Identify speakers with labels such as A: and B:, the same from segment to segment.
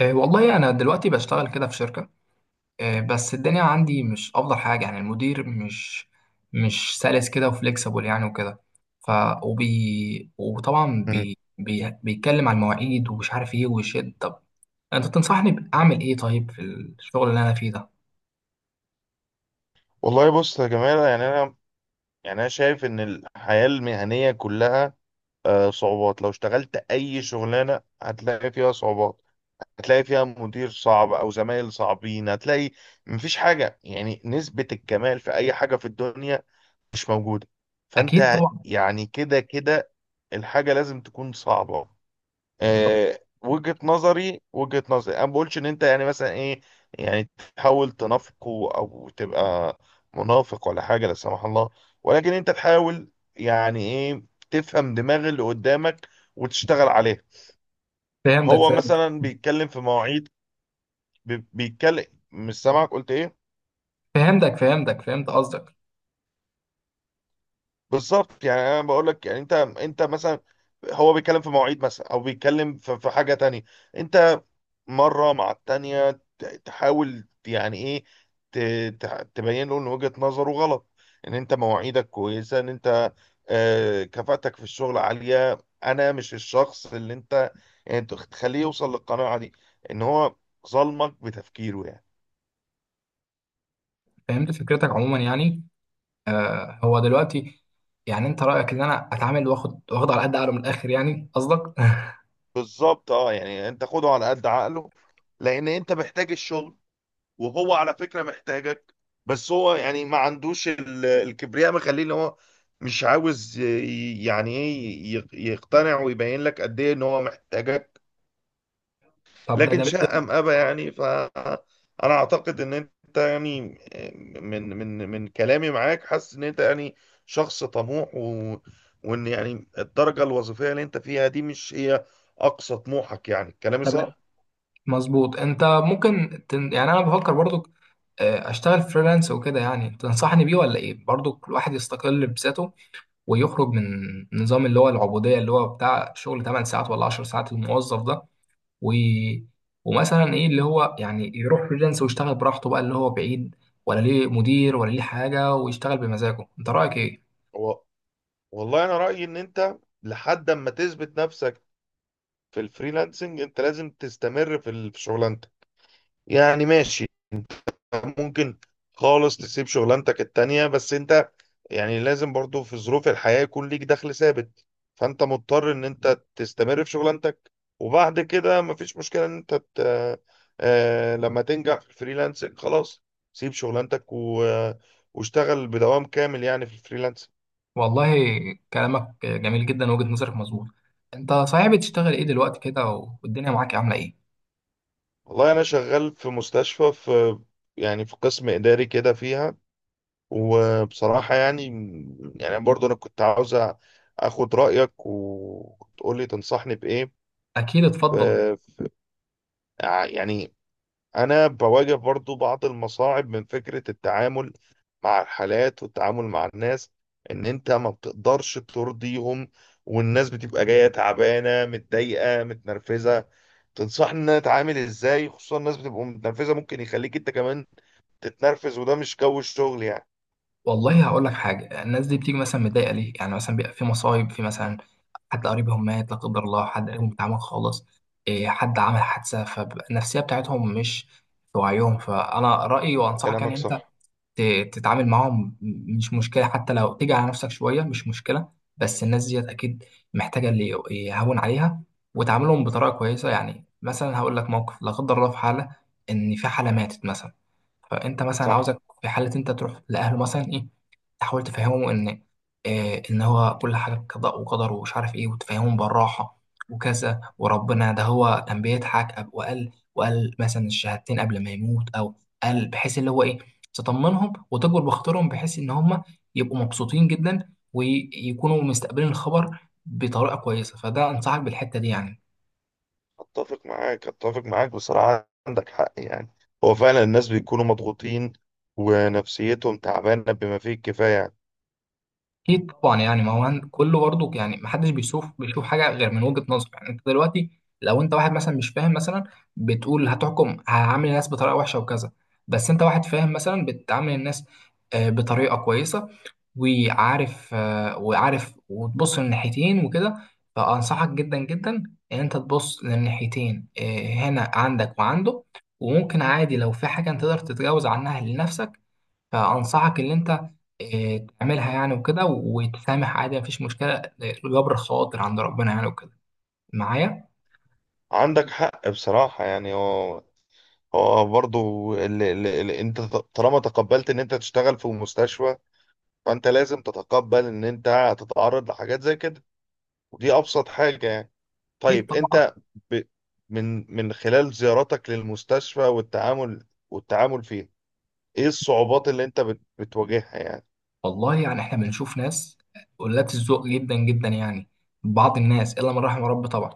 A: والله أنا دلوقتي بشتغل كده في شركة. بس الدنيا عندي مش أفضل حاجة، يعني المدير مش سلس كده وفليكسبل يعني وكده. ف وطبعا
B: مم.
A: بي بي بيتكلم عن المواعيد ومش عارف إيه ويشد. طب أنت تنصحني أعمل إيه طيب في الشغل اللي أنا فيه ده؟
B: والله بص يا جمال، يعني انا شايف ان الحياه المهنيه كلها صعوبات. لو اشتغلت اي شغلانه هتلاقي فيها صعوبات، هتلاقي فيها مدير صعب او زمايل صعبين. هتلاقي مفيش حاجه، يعني نسبه الكمال في اي حاجه في الدنيا مش موجوده.
A: أكيد
B: فانت
A: طبعا.
B: يعني كده كده الحاجه لازم تكون صعبه. وجهة نظري، وجهة نظري انا ما بقولش ان انت يعني مثلا ايه، يعني تحاول تنافقه او تبقى منافق ولا حاجة لا سمح الله، ولكن انت تحاول يعني ايه تفهم دماغ اللي قدامك وتشتغل عليه.
A: فهمتك
B: هو
A: فهمت
B: مثلا بيتكلم في مواعيد، بيتكلم. مش سامعك، قلت ايه؟
A: فهمت قصدك.
B: بالظبط. يعني انا بقول لك يعني انت مثلا، هو بيتكلم في مواعيد مثلا او بيتكلم في حاجة تانية. انت مرة مع التانية تحاول يعني ايه ت- تبين له ان وجهة نظره غلط، ان انت مواعيدك كويسة، ان انت كفاءتك في الشغل عالية. انا مش الشخص اللي انت يعني تخليه يوصل للقناعة دي، ان هو ظلمك بتفكيره يعني.
A: فهمت فكرتك عموما يعني. هو دلوقتي يعني أنت رأيك إن أنا أتعامل وآخد على قد عقله من الآخر يعني قصدك؟
B: بالظبط. اه يعني انت خده على قد عقله، لان انت محتاج الشغل، وهو على فكرة محتاجك. بس هو يعني ما عندوش الكبرياء مخليه ان هو مش عاوز يعني ايه يقتنع ويبين لك قد ايه ان هو محتاجك.
A: طب ده
B: لكن
A: جميل
B: شاء
A: جدا.
B: ام ابى يعني. فانا اعتقد ان انت يعني من كلامي معاك حاسس ان انت يعني شخص طموح وان يعني الدرجة الوظيفية اللي انت فيها دي مش هي اقصى طموحك. يعني كلامي
A: طب
B: صح؟
A: مظبوط. انت ممكن يعني انا بفكر برضو، اشتغل فريلانس وكده، يعني تنصحني بيه ولا ايه؟ برضو الواحد يستقل بذاته ويخرج من نظام اللي هو العبودية، اللي هو بتاع شغل 8 ساعات ولا 10 ساعات الموظف ده و... ومثلا ايه اللي هو يعني يروح فريلانس ويشتغل براحته بقى، اللي هو بعيد ولا ليه مدير ولا ليه حاجة ويشتغل بمزاجه. انت رأيك ايه؟
B: و... والله انا رأيي ان انت لحد اما تثبت نفسك في الفريلانسنج انت لازم تستمر في في شغلانتك. يعني ماشي، ممكن خالص تسيب شغلانتك التانية، بس انت يعني لازم برضو في ظروف الحياة يكون ليك دخل ثابت. فانت مضطر ان انت تستمر في شغلانتك، وبعد كده مفيش مشكلة ان انت لما تنجح في الفريلانسنج خلاص، سيب شغلانتك واشتغل بدوام كامل يعني في الفريلانسنج.
A: والله كلامك جميل جدا، وجهة نظرك مظبوط. انت صحيح بتشتغل ايه دلوقتي كده؟ والدنيا معاك عاملة ايه؟
B: والله انا شغال في مستشفى، في يعني في قسم اداري كده فيها. وبصراحة يعني، يعني برضو أنا كنت عاوز أخد رأيك وتقولي تنصحني بإيه.
A: اكيد،
B: ف-
A: اتفضل.
B: يعني أنا بواجه برضو بعض المصاعب من فكرة التعامل مع الحالات والتعامل مع الناس. إن أنت ما بتقدرش ترضيهم، والناس بتبقى جاية تعبانة متضايقة متنرفزة. تنصحني إن أنا أتعامل إزاي؟ خصوصا الناس بتبقى متنرفزة، ممكن يخليك أنت كمان تتنرفز، وده مش جو الشغل يعني.
A: والله هقول لك حاجه. الناس دي بتيجي مثلا متضايقه ليه؟ يعني مثلا بيبقى في مصايب، في مثلا حد قريبهم مات لا قدر الله، حد قريبهم اتعمل خالص إيه، حد عمل حادثه، فالنفسيه بتاعتهم مش في وعيهم. فانا رايي وانصحك يعني
B: كلامك
A: انت
B: صح
A: تتعامل معاهم، مش مشكلة حتى لو تيجي على نفسك شوية، مش مشكلة. بس الناس ديت أكيد محتاجة اللي يهون عليها، وتعاملهم بطريقة كويسة. يعني مثلا هقول لك موقف لا قدر الله، في حالة إن في حالة ماتت مثلا، فأنت مثلا
B: صح.
A: عاوزك في حالة أنت تروح لأهله مثلا إيه، تحاول تفهمهم إن إيه إن هو كل حاجة قضاء وقدر، ومش عارف إيه، وتفهمهم بالراحة وكذا وربنا، ده هو كان بيضحك وقال مثلا الشهادتين قبل ما يموت، أو قال، بحيث اللي هو إيه تطمنهم وتجبر بخاطرهم، بحيث ان هم يبقوا مبسوطين جدا ويكونوا مستقبلين الخبر بطريقه كويسه. فده انصحك بالحته دي يعني.
B: اتفق معاك، اتفق معاك. بصراحة عندك حق يعني. هو فعلا الناس بيكونوا مضغوطين ونفسيتهم تعبانة بما فيه الكفاية يعني.
A: اكيد طبعا، يعني ما هو كله برضه يعني، ما حدش بيشوف حاجه غير من وجهه نظره. يعني انت دلوقتي لو انت واحد مثلا مش فاهم مثلا، بتقول هتحكم هعامل الناس بطريقه وحشه وكذا. بس انت واحد فاهم مثلا، بتعامل الناس بطريقه كويسه، وعارف، وعارف وتبص للناحيتين وكده. فانصحك جدا جدا ان انت تبص للناحيتين، هنا عندك وعنده. وممكن عادي لو في حاجه انت تقدر تتجاوز عنها لنفسك، فأنصحك إن أنت تعملها يعني وكده وتسامح عادي، مفيش مشكلة. جبر خواطر عند ربنا يعني وكده معايا.
B: عندك حق بصراحة يعني. هو برضو اللي انت طالما تقبلت ان انت تشتغل في مستشفى، فانت لازم تتقبل ان انت هتتعرض لحاجات زي كده. ودي ابسط حاجة يعني.
A: أكيد
B: طيب
A: طبعا.
B: انت ب... من خلال زياراتك للمستشفى والتعامل والتعامل فيه، ايه الصعوبات اللي انت بتواجهها يعني؟
A: والله يعني إحنا بنشوف ناس قلات الذوق جدا جدا يعني، بعض الناس إلا من رحم ربي طبعا.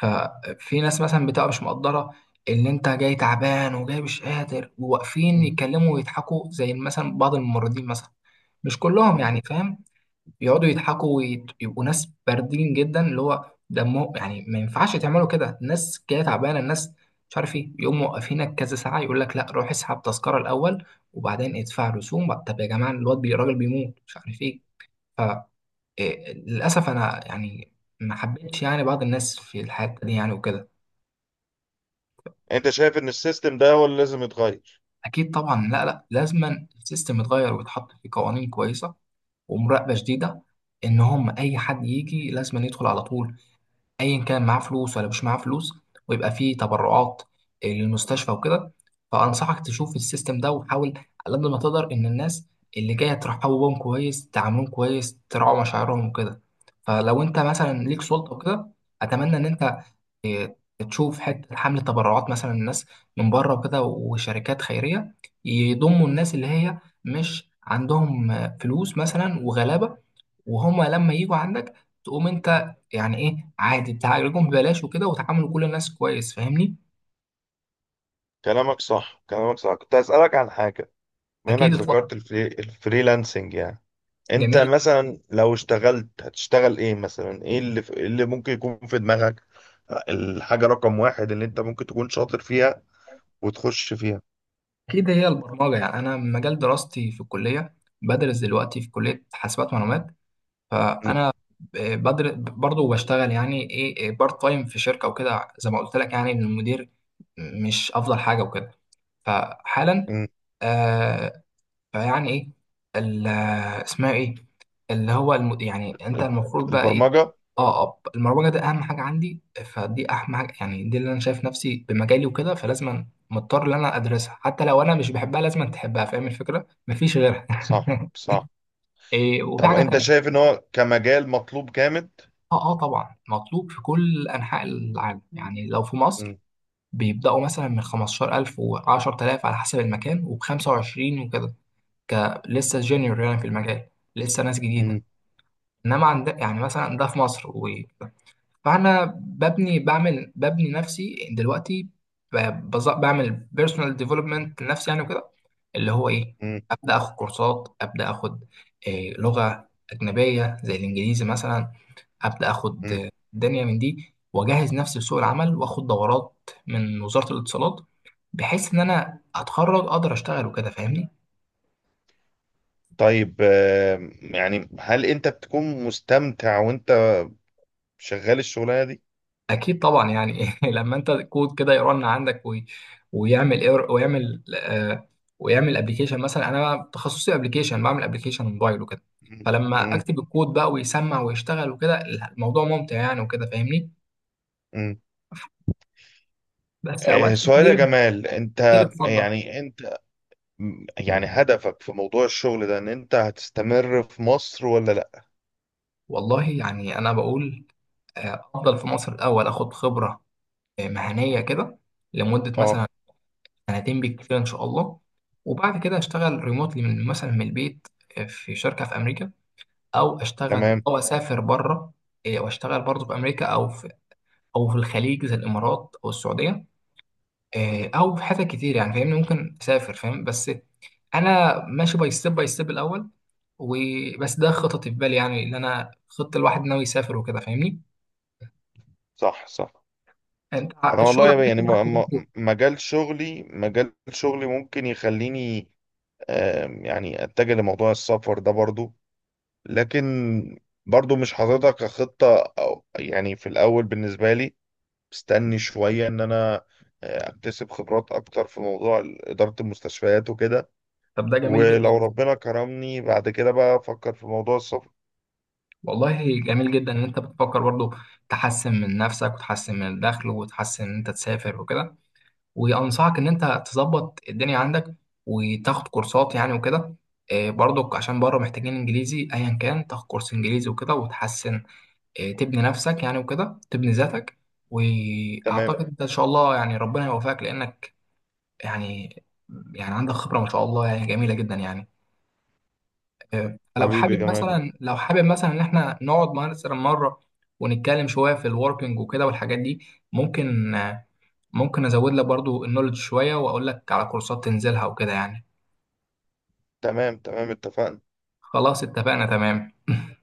A: ففي ناس مثلا بتبقى مش مقدرة إن أنت جاي تعبان وجاي مش قادر، وواقفين يتكلموا ويضحكوا زي مثلا بعض الممرضين مثلا، مش كلهم يعني،
B: مم.
A: فاهم. يقعدوا يضحكوا ويبقوا ناس باردين جدا، اللي هو دمه يعني. ما ينفعش تعملوا كده، الناس جايه تعبانه، الناس مش عارف ايه، يقوم موقفينك كذا ساعه يقول لك لا روح اسحب تذكره الاول وبعدين ادفع رسوم بقى. طب يا جماعه الواد الراجل بيموت، مش عارف ايه. فللاسف انا يعني ما حبيتش يعني بعض الناس في الحته دي يعني وكده.
B: انت شايف ان السيستم ده هو اللي لازم يتغير؟
A: اكيد طبعا. لا لا، لازما السيستم يتغير ويتحط في قوانين كويسه ومراقبه شديده، ان هم اي حد يجي لازما يدخل على طول ايا كان معاه فلوس ولا مش معاه فلوس، ويبقى فيه تبرعات للمستشفى وكده. فانصحك تشوف السيستم ده وحاول على قد ما تقدر ان الناس اللي جايه ترحبوا بهم كويس، تعاملهم كويس، تراعوا مشاعرهم وكده. فلو انت مثلا ليك سلطه وكده، اتمنى ان انت تشوف حته حمله تبرعات مثلا، الناس من بره وكده وشركات خيريه، يضموا الناس اللي هي مش عندهم فلوس مثلا وغلابه. وهم لما يجوا عندك تقوم انت يعني ايه عادي تعالجهم ببلاش وكده وتعاملوا كل الناس كويس. فاهمني؟
B: كلامك صح، كلامك صح. كنت هسألك عن حاجة. بما انك
A: اكيد طبعا.
B: ذكرت الفريلانسنج يعني، انت
A: جميل.
B: مثلا لو اشتغلت هتشتغل ايه مثلا؟ ايه اللي إيه اللي ممكن يكون في دماغك؟ الحاجة رقم واحد اللي انت ممكن تكون شاطر فيها وتخش فيها.
A: اكيد هي البرمجه. يعني انا مجال دراستي في الكليه، بدرس دلوقتي في كليه حاسبات معلومات.
B: م-
A: فانا بدرس برضه بشتغل يعني ايه بارت تايم في شركه وكده، زي ما قلت لك، يعني إن المدير مش افضل حاجه وكده. فحالا
B: م.
A: آه، فيعني ايه ال- اسمها ايه، اللي هو يعني انت المفروض بقى ايه.
B: البرمجة.
A: اه، اب المروجه ده اهم حاجه عندي، فدي اهم حاجه يعني، دي اللي انا شايف نفسي بمجالي وكده، فلازم مضطر ان انا ادرسها حتى لو انا مش بحبها، لازم تحبها. فاهم الفكره، مفيش غيرها.
B: صح صح.
A: إيه، وفي
B: طب
A: حاجه
B: انت
A: تانية.
B: شايف ان هو كمجال مطلوب جامد؟
A: اه طبعا مطلوب في كل انحاء العالم، يعني لو في مصر
B: م-
A: بيبداوا مثلا من 15000 و10000 على حسب المكان، وب 25 وكده، ك لسه جونيور يعني في المجال، لسه ناس
B: م-
A: جديده. انما عند يعني مثلا ده في مصر فانا ببني، ببني نفسي دلوقتي، ب... بعمل بيرسونال ديفلوبمنت لنفسي يعني وكده، اللي هو ايه،
B: م-
A: ابدا اخد كورسات، ابدا اخد إيه لغه اجنبيه زي الانجليزي مثلا، ابدا اخد
B: م.
A: الدنيا من دي، واجهز نفسي لسوق العمل، واخد دورات من وزاره الاتصالات، بحيث ان انا اتخرج اقدر اشتغل وكده. فاهمني؟
B: طيب يعني هل انت بتكون مستمتع وانت شغال الشغلانه دي؟
A: اكيد طبعا يعني. لما انت كود كده يرن عندك ويعمل اير، ويعمل آه، ويعمل ابلكيشن، مثلا انا تخصصي ابلكيشن، بعمل ابلكيشن موبايل وكده.
B: مم.
A: فلما
B: مم.
A: اكتب الكود بقى ويسمع ويشتغل وكده، الموضوع ممتع يعني وكده، فاهمني.
B: مم.
A: بس اوقات
B: سؤال يا
A: كتير
B: جمال. انت
A: كتير، اتفضل.
B: يعني انت يعني هدفك في موضوع الشغل ده ان انت هتستمر في مصر ولا لا؟
A: والله يعني انا بقول افضل في مصر الاول، اخد خبره مهنيه كده لمده
B: اه.
A: مثلا سنتين بالكتير ان شاء الله. وبعد كده اشتغل ريموتلي من مثلا من البيت، في شركه في امريكا، او اشتغل
B: تمام.
A: او اسافر بره، إيه، واشتغل برضه في امريكا، او في او في الخليج زي الامارات او السعوديه،
B: مم.
A: إيه، او في حتت كتير يعني. فاهمني؟ ممكن اسافر، فاهم. بس انا ماشي باي ستيب باي ستيب الاول، وبس ده خططي في بالي يعني، اللي انا خطه الواحد ناوي يسافر وكده فاهمني.
B: صح صح.
A: انت
B: انا
A: الشغل
B: والله
A: عندك
B: يعني
A: معاك برضه-
B: مجال شغلي، مجال شغلي ممكن يخليني يعني اتجه لموضوع السفر ده برضو. لكن برضو مش حاططها كخطة، أو يعني في الأول بالنسبة لي مستني شوية إن أنا أكتسب خبرات أكتر في موضوع إدارة المستشفيات وكده.
A: طب ده جميل جدا.
B: ولو ربنا كرمني بعد كده بقى أفكر في موضوع السفر.
A: والله جميل جدا ان انت بتفكر برضه تحسن من نفسك وتحسن من الدخل وتحسن ان انت تسافر وكده. وانصحك ان انت تظبط الدنيا عندك وتاخد كورسات يعني وكده، برضك عشان بره محتاجين انجليزي، ايا كان تاخد كورس انجليزي وكده وتحسن، تبني نفسك يعني وكده تبني ذاتك.
B: تمام.
A: واعتقد انت ان شاء الله يعني ربنا يوفقك، لانك يعني يعني عندك خبرة ما شاء الله يعني جميلة جدا يعني. لو
B: حبيبي يا
A: حابب
B: جمال.
A: مثلا، ان احنا نقعد مثلا مره ونتكلم شويه في الوركينج وكده والحاجات دي، ممكن ممكن ازود لك برضو النولج شويه، واقول لك على كورسات تنزلها وكده يعني.
B: تمام تمام اتفقنا.
A: خلاص اتفقنا، تمام.